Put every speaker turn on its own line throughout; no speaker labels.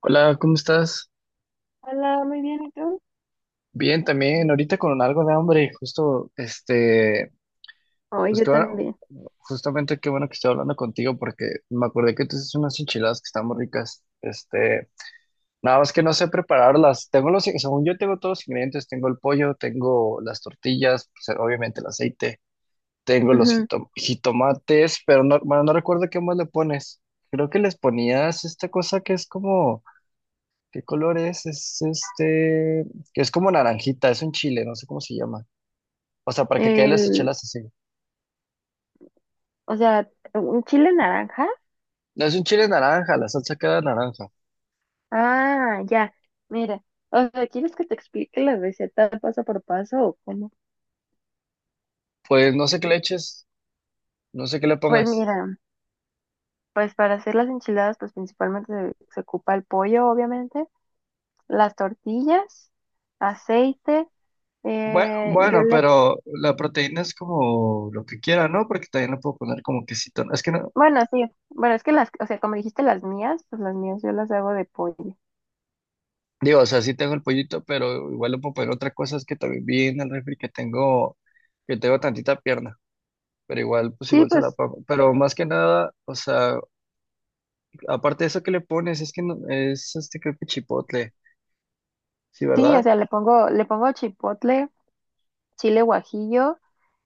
Hola, ¿cómo estás?
Hola, muy bien, ¿y tú?
Bien, también, ahorita con algo de hambre, justo,
Oh,
pues
yo
que bueno,
también.
justamente qué bueno que estoy hablando contigo porque me acordé que tú haces unas enchiladas que están muy ricas, nada más que no sé prepararlas, tengo los, según yo tengo todos los ingredientes, tengo el pollo, tengo las tortillas, pues, obviamente el aceite, tengo los
Ujú.
jitomates, pero no, bueno, no recuerdo qué más le pones, creo que les ponías esta cosa que es como... ¿Qué color es? Es que es como naranjita, es un chile, no sé cómo se llama. O sea, para que quede las
El,
chelas así.
o sea, un chile naranja.
No es un chile naranja, la salsa queda naranja.
Ah, ya. Mira, o sea, ¿quieres que te explique la receta paso por paso o cómo?
Pues no sé qué le eches, no sé qué le
Pues
pongas.
mira, pues para hacer las enchiladas, pues principalmente se ocupa el pollo, obviamente, las tortillas, aceite,
Bue-
yo
Bueno,
le,
pero la proteína es como lo que quiera, ¿no? Porque también le puedo poner como quesito, ¿no? Es que no,
bueno, sí, bueno, es que las, o sea, como dijiste las mías, pues las mías yo las hago de pollo.
digo, o sea, sí tengo el pollito, pero igual le puedo poner otra cosa, es que también vi en el refri que tengo tantita pierna, pero igual, pues
Sí,
igual se la
pues
pongo. Pero más que nada, o sea, aparte de eso que le pones, es que es este creo que chipotle, sí,
sí, o
¿verdad?
sea, le pongo chipotle, chile guajillo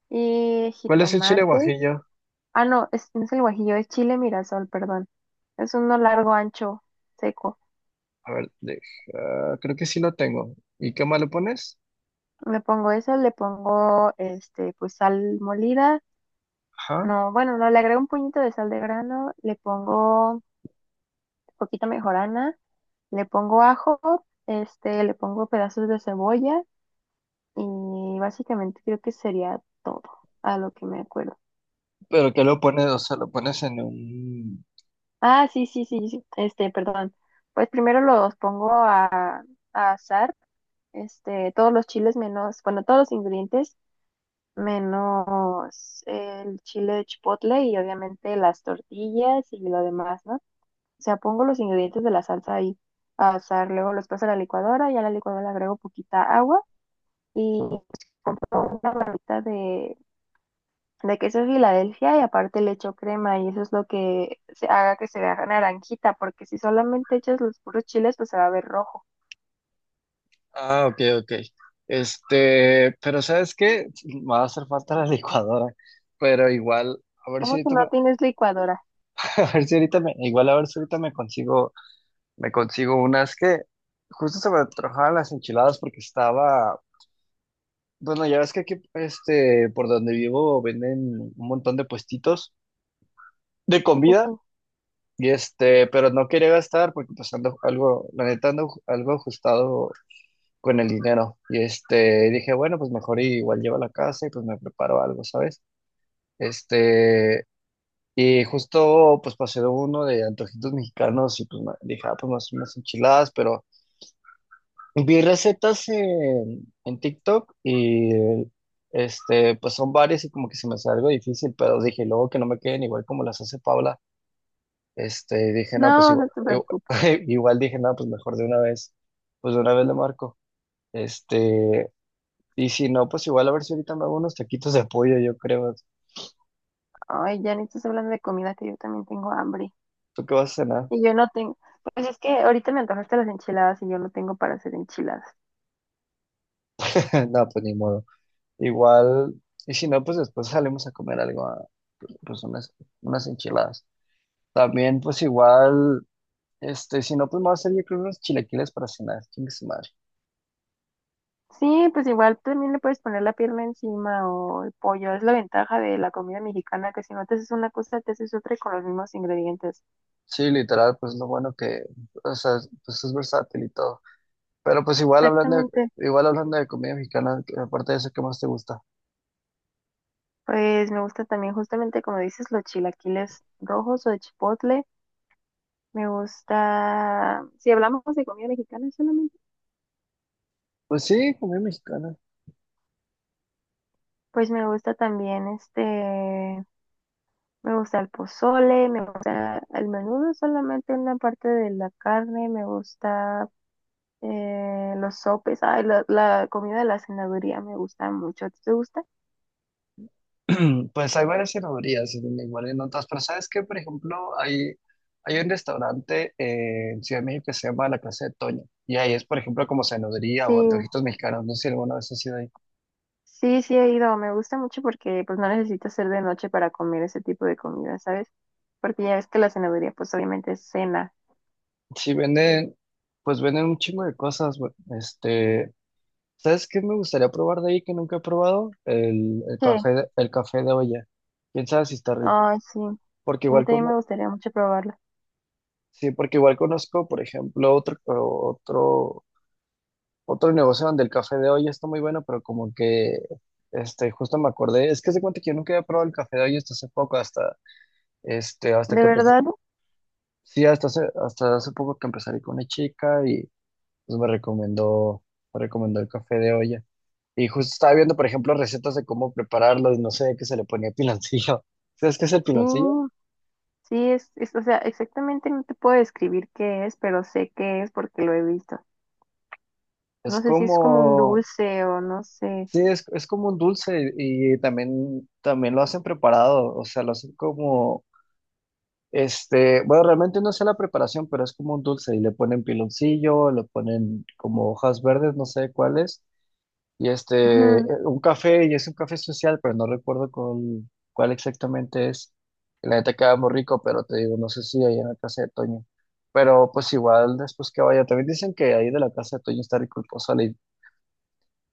y
¿Cuál es el chile
jitomates.
guajillo?
Ah, no, es, no es el guajillo, es chile mirasol, perdón. Es uno largo, ancho, seco.
A ver, creo que sí lo tengo. ¿Y qué más le pones?
Le pongo eso, le pongo este, pues sal molida.
Ajá.
No, bueno, no, le agrego un puñito de sal de grano, le pongo poquita mejorana, le pongo ajo, este, le pongo pedazos de cebolla y básicamente creo que sería todo a lo que me acuerdo.
¿Pero qué lo pones? O sea, lo pones en un...
Ah, sí, sí, sí, sí, este, perdón. Pues primero los pongo a asar, este, todos los chiles menos, bueno, todos los ingredientes menos el chile chipotle y obviamente las tortillas y lo demás, ¿no? O sea, pongo los ingredientes de la salsa ahí a asar, luego los paso a la licuadora y a la licuadora le agrego poquita agua y una barrita de queso Filadelfia y aparte le echo crema y eso es lo que se haga que se vea naranjita, porque si solamente echas los puros chiles, pues se va a ver rojo.
Ah, ok, ok. Pero ¿sabes qué? Me va a hacer falta la licuadora, pero igual, a ver si
¿Cómo que
ahorita me,
no tienes licuadora?
a ver si ahorita me, igual a ver si ahorita me consigo unas que justo se me antojaban las enchiladas porque estaba... Bueno, ya ves que aquí, por donde vivo venden un montón de puestitos de
Sí,
comida,
sí.
y pero no quería gastar porque pues ando algo, la neta ando algo ajustado con el dinero. Y dije, bueno, pues mejor igual llevo a la casa y pues me preparo algo, ¿sabes? Este, y justo pues pasé de uno de antojitos mexicanos y pues dije, ah, pues más unas enchiladas, pero vi recetas en TikTok y pues son varias y como que se me hace algo difícil, pero dije luego que no me queden igual como las hace Paula. Dije, no, pues
No, no
igual,
te preocupes.
igual dije, no, pues mejor de una vez, pues de una vez le marco. Este, y si no, pues igual a ver si ahorita me hago unos taquitos de pollo, yo creo.
Ay, ya ni estás hablando de comida que yo también tengo hambre.
¿Tú qué vas a cenar?
Y yo no tengo, pues es que ahorita me antojaste las enchiladas y yo no tengo para hacer enchiladas.
No, pues ni modo. Igual, y si no, pues después salimos a comer algo, ah, pues unas, unas enchiladas. También, pues igual. Si no, pues me va a hacer yo creo unos chilaquiles para cenar, chingue su madre.
Sí, pues igual también le puedes poner la pierna encima o el pollo. Es la ventaja de la comida mexicana, que si no te haces una cosa, te haces otra y con los mismos ingredientes.
Sí, literal, pues lo bueno que, o sea, pues es versátil y todo. Pero pues
Exactamente.
igual hablando de comida mexicana, que aparte de eso, ¿qué más te gusta?
Pues me gusta también justamente como dices los chilaquiles rojos o de chipotle. Me gusta, si hablamos de comida mexicana solamente,
Pues sí, comida mexicana.
pues me gusta también este, me gusta el pozole, me gusta el menudo solamente una parte de la carne, me gusta los sopes, ay, la comida de la cenaduría me gusta mucho. ¿A ti te gusta?
Pues hay varias cenadurías, igual en otras, pero ¿sabes qué? Por ejemplo, hay un restaurante en Ciudad de México que se llama La Casa de Toño, y ahí es, por ejemplo, como cenaduría o
Sí.
antojitos mexicanos, no sé si alguna vez has ido ahí.
Sí, sí he ido, me gusta mucho porque pues no necesito hacer de noche para comer ese tipo de comida, ¿sabes? Porque ya ves que la cenaduría pues obviamente es cena.
Sí venden, pues venden un chingo de cosas, güey, este... ¿Sabes qué me gustaría probar de ahí que nunca he probado?
Sí,
El café de olla. ¿Quién sabe si está rico?
ay sí,
Porque
a mí
igual
también me gustaría mucho probarla.
sí, porque igual conozco, por ejemplo, otro, otro, otro negocio donde el café de olla está muy bueno, pero como que justo me acordé, es que se cuenta que yo nunca había probado el café de olla hasta hace poco, hasta hasta
De
que empecé,
verdad,
sí, hasta hace poco que empecé a salir con una chica y pues me recomendó el café de olla. Y justo estaba viendo, por ejemplo, recetas de cómo prepararlo y no sé qué se le ponía piloncillo. ¿Sabes qué es el
sí,
piloncillo?
sí es, o sea, exactamente no te puedo describir qué es, pero sé qué es porque lo he visto.
Es
No sé si es como un
como,
dulce o no sé.
sí, es como un dulce y también, también lo hacen preparado, o sea, lo hacen como, bueno, realmente no sé la preparación, pero es como un dulce y le ponen piloncillo, le ponen como hojas verdes, no sé cuáles, y un café, y es un café social, pero no recuerdo cuál, cuál exactamente es. La neta queda muy rico, pero te digo, no sé si ahí en la Casa de Toño. Pero pues igual después que vaya, también dicen que ahí de la Casa de Toño está rico el pozole.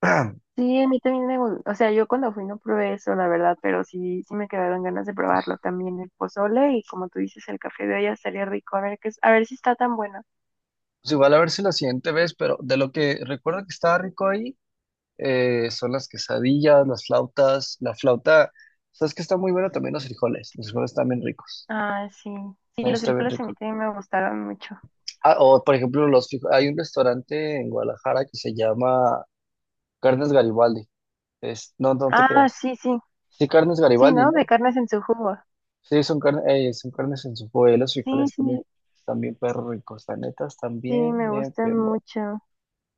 Sí, a mí también me gusta, o sea, yo cuando fui no probé eso, la verdad, pero sí, sí me quedaron ganas de probarlo también, el pozole y como tú dices, el café de olla estaría rico, a ver qué es, a ver si está tan bueno.
Pues igual a ver si la siguiente vez, pero de lo que recuerdo que estaba rico ahí, son las quesadillas, las flautas, la flauta, sabes que está muy bueno también los frijoles están bien ricos,
Ah, sí, sí,
ahí
los
está bien
frijoles a mí
rico.
también me gustaron mucho.
Ah, o por ejemplo, los frijos. Hay un restaurante en Guadalajara que se llama Carnes Garibaldi. Es, no, no te
Ah,
creas.
sí, sí,
Sí, Carnes
sí,
Garibaldi,
¿no? De
¿no?
carnes en su jugo.
Sí, son, son carnes en su y los
Sí,
frijoles también,
sí,
también perro ricos, la neta, están
sí,
bien,
me
bien,
gustan
bien buenos.
mucho.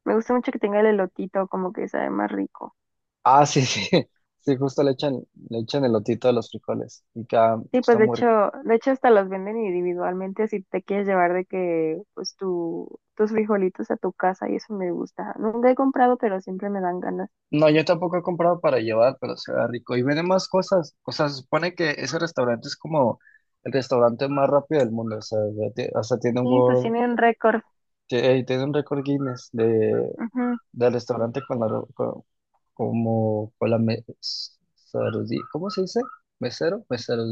Me gusta mucho que tenga el elotito, como que sabe más rico.
Ah, sí, sí, sí, justo le echan elotito a los frijoles y
Sí,
está
pues
muy rico.
de hecho hasta los venden individualmente si te quieres llevar de que pues tu, tus frijolitos a tu casa y eso me gusta. Nunca he comprado, pero siempre me dan ganas.
No, yo tampoco he comprado para llevar, pero se ve rico. Y venden más cosas, o sea, se supone que ese restaurante es como el restaurante más rápido del mundo, o sea, ya hasta tiene un
Sí, pues
World...
tiene un récord.
Sí, tiene un récord Guinness de, del restaurante con la, como, con la ¿cómo se dice? ¿Mesero? Mesero.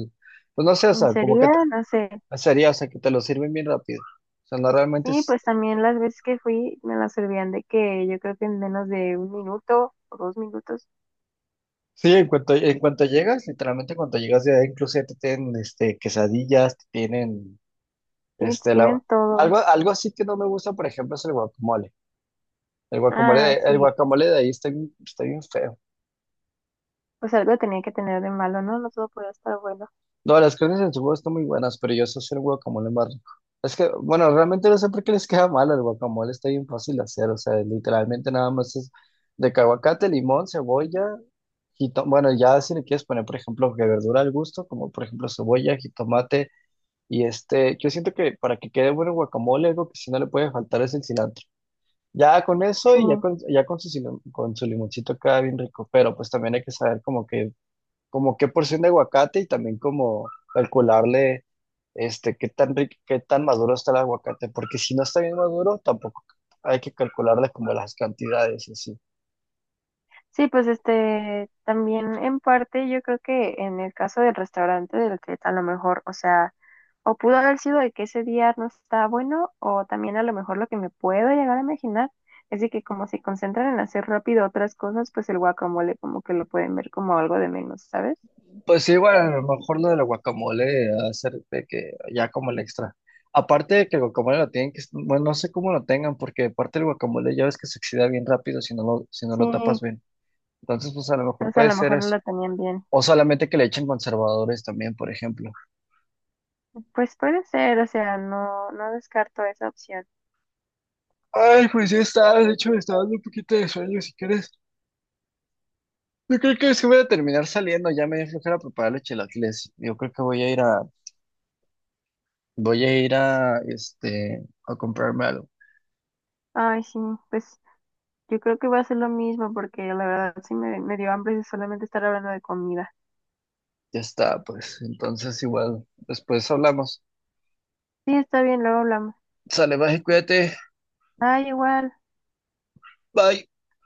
Pues no sé, o
Ujú.
sea, como
Sería,
que
no sé.
sería, o sea, que te lo sirven bien rápido. O sea, no realmente
Sí,
es...
pues también las veces que fui me las servían de que yo creo que en menos de 1 minuto o 2 minutos.
Sí, en cuanto llegas, literalmente cuando llegas ya inclusive te tienen quesadillas, te tienen
Sí,
este, la,
tienen todo.
algo, algo así que no me gusta, por ejemplo, es el guacamole.
Ah,
El
sí.
guacamole de ahí está bien feo.
Pues algo tenía que tener de malo, ¿no? No todo podía estar bueno.
No, las carnes en su jugo están muy buenas, pero yo sé hacer guacamole más rico. Es que, bueno, realmente no sé por qué les queda mal el guacamole, está bien fácil de hacer, o sea, literalmente nada más es de que aguacate, limón, cebolla, bueno, ya si le quieres poner, por ejemplo, que verdura al gusto, como por ejemplo cebolla, jitomate, y yo siento que para que quede bueno el guacamole, algo que si no le puede faltar es el cilantro. Ya con eso
Sí.
y ya con su, con su limoncito queda bien rico, pero pues también hay que saber como que como qué porción de aguacate y también como calcularle qué tan rico, qué tan maduro está el aguacate, porque si no está bien maduro, tampoco hay que calcularle como las cantidades y así.
Sí, pues este, también en parte yo creo que en el caso del restaurante del que a lo mejor, o sea, o pudo haber sido de que ese día no está bueno, o también a lo mejor lo que me puedo llegar a imaginar es de que como se concentran en hacer rápido otras cosas, pues el guacamole como que lo pueden ver como algo de menos, ¿sabes?
Pues sí, bueno, a lo mejor lo del guacamole, hacer de que ya como el extra. Aparte de que el guacamole lo tienen que, bueno, no sé cómo lo tengan, porque aparte el guacamole ya ves que se oxida bien rápido si no lo, si no
Sí,
lo tapas bien. Entonces, pues a lo mejor
entonces a
puede
lo
ser
mejor no
eso.
lo tenían bien.
O solamente que le echen conservadores también, por ejemplo.
Pues puede ser, o sea, no, no descarto esa opción.
Ay, pues ya está, de hecho me está dando un poquito de sueño, si quieres. Yo creo que sí voy a terminar saliendo, ya me dio flojera prepararle chilaquiles. Yo creo que voy a ir a, voy a ir a, a comprarme algo.
Ay, sí, pues yo creo que va a ser lo mismo porque la verdad sí me dio hambre de solamente estar hablando de comida.
Ya está, pues, entonces igual, después hablamos.
Sí, está bien, luego hablamos.
Sale, baje, cuídate,
Ah, igual.
bye.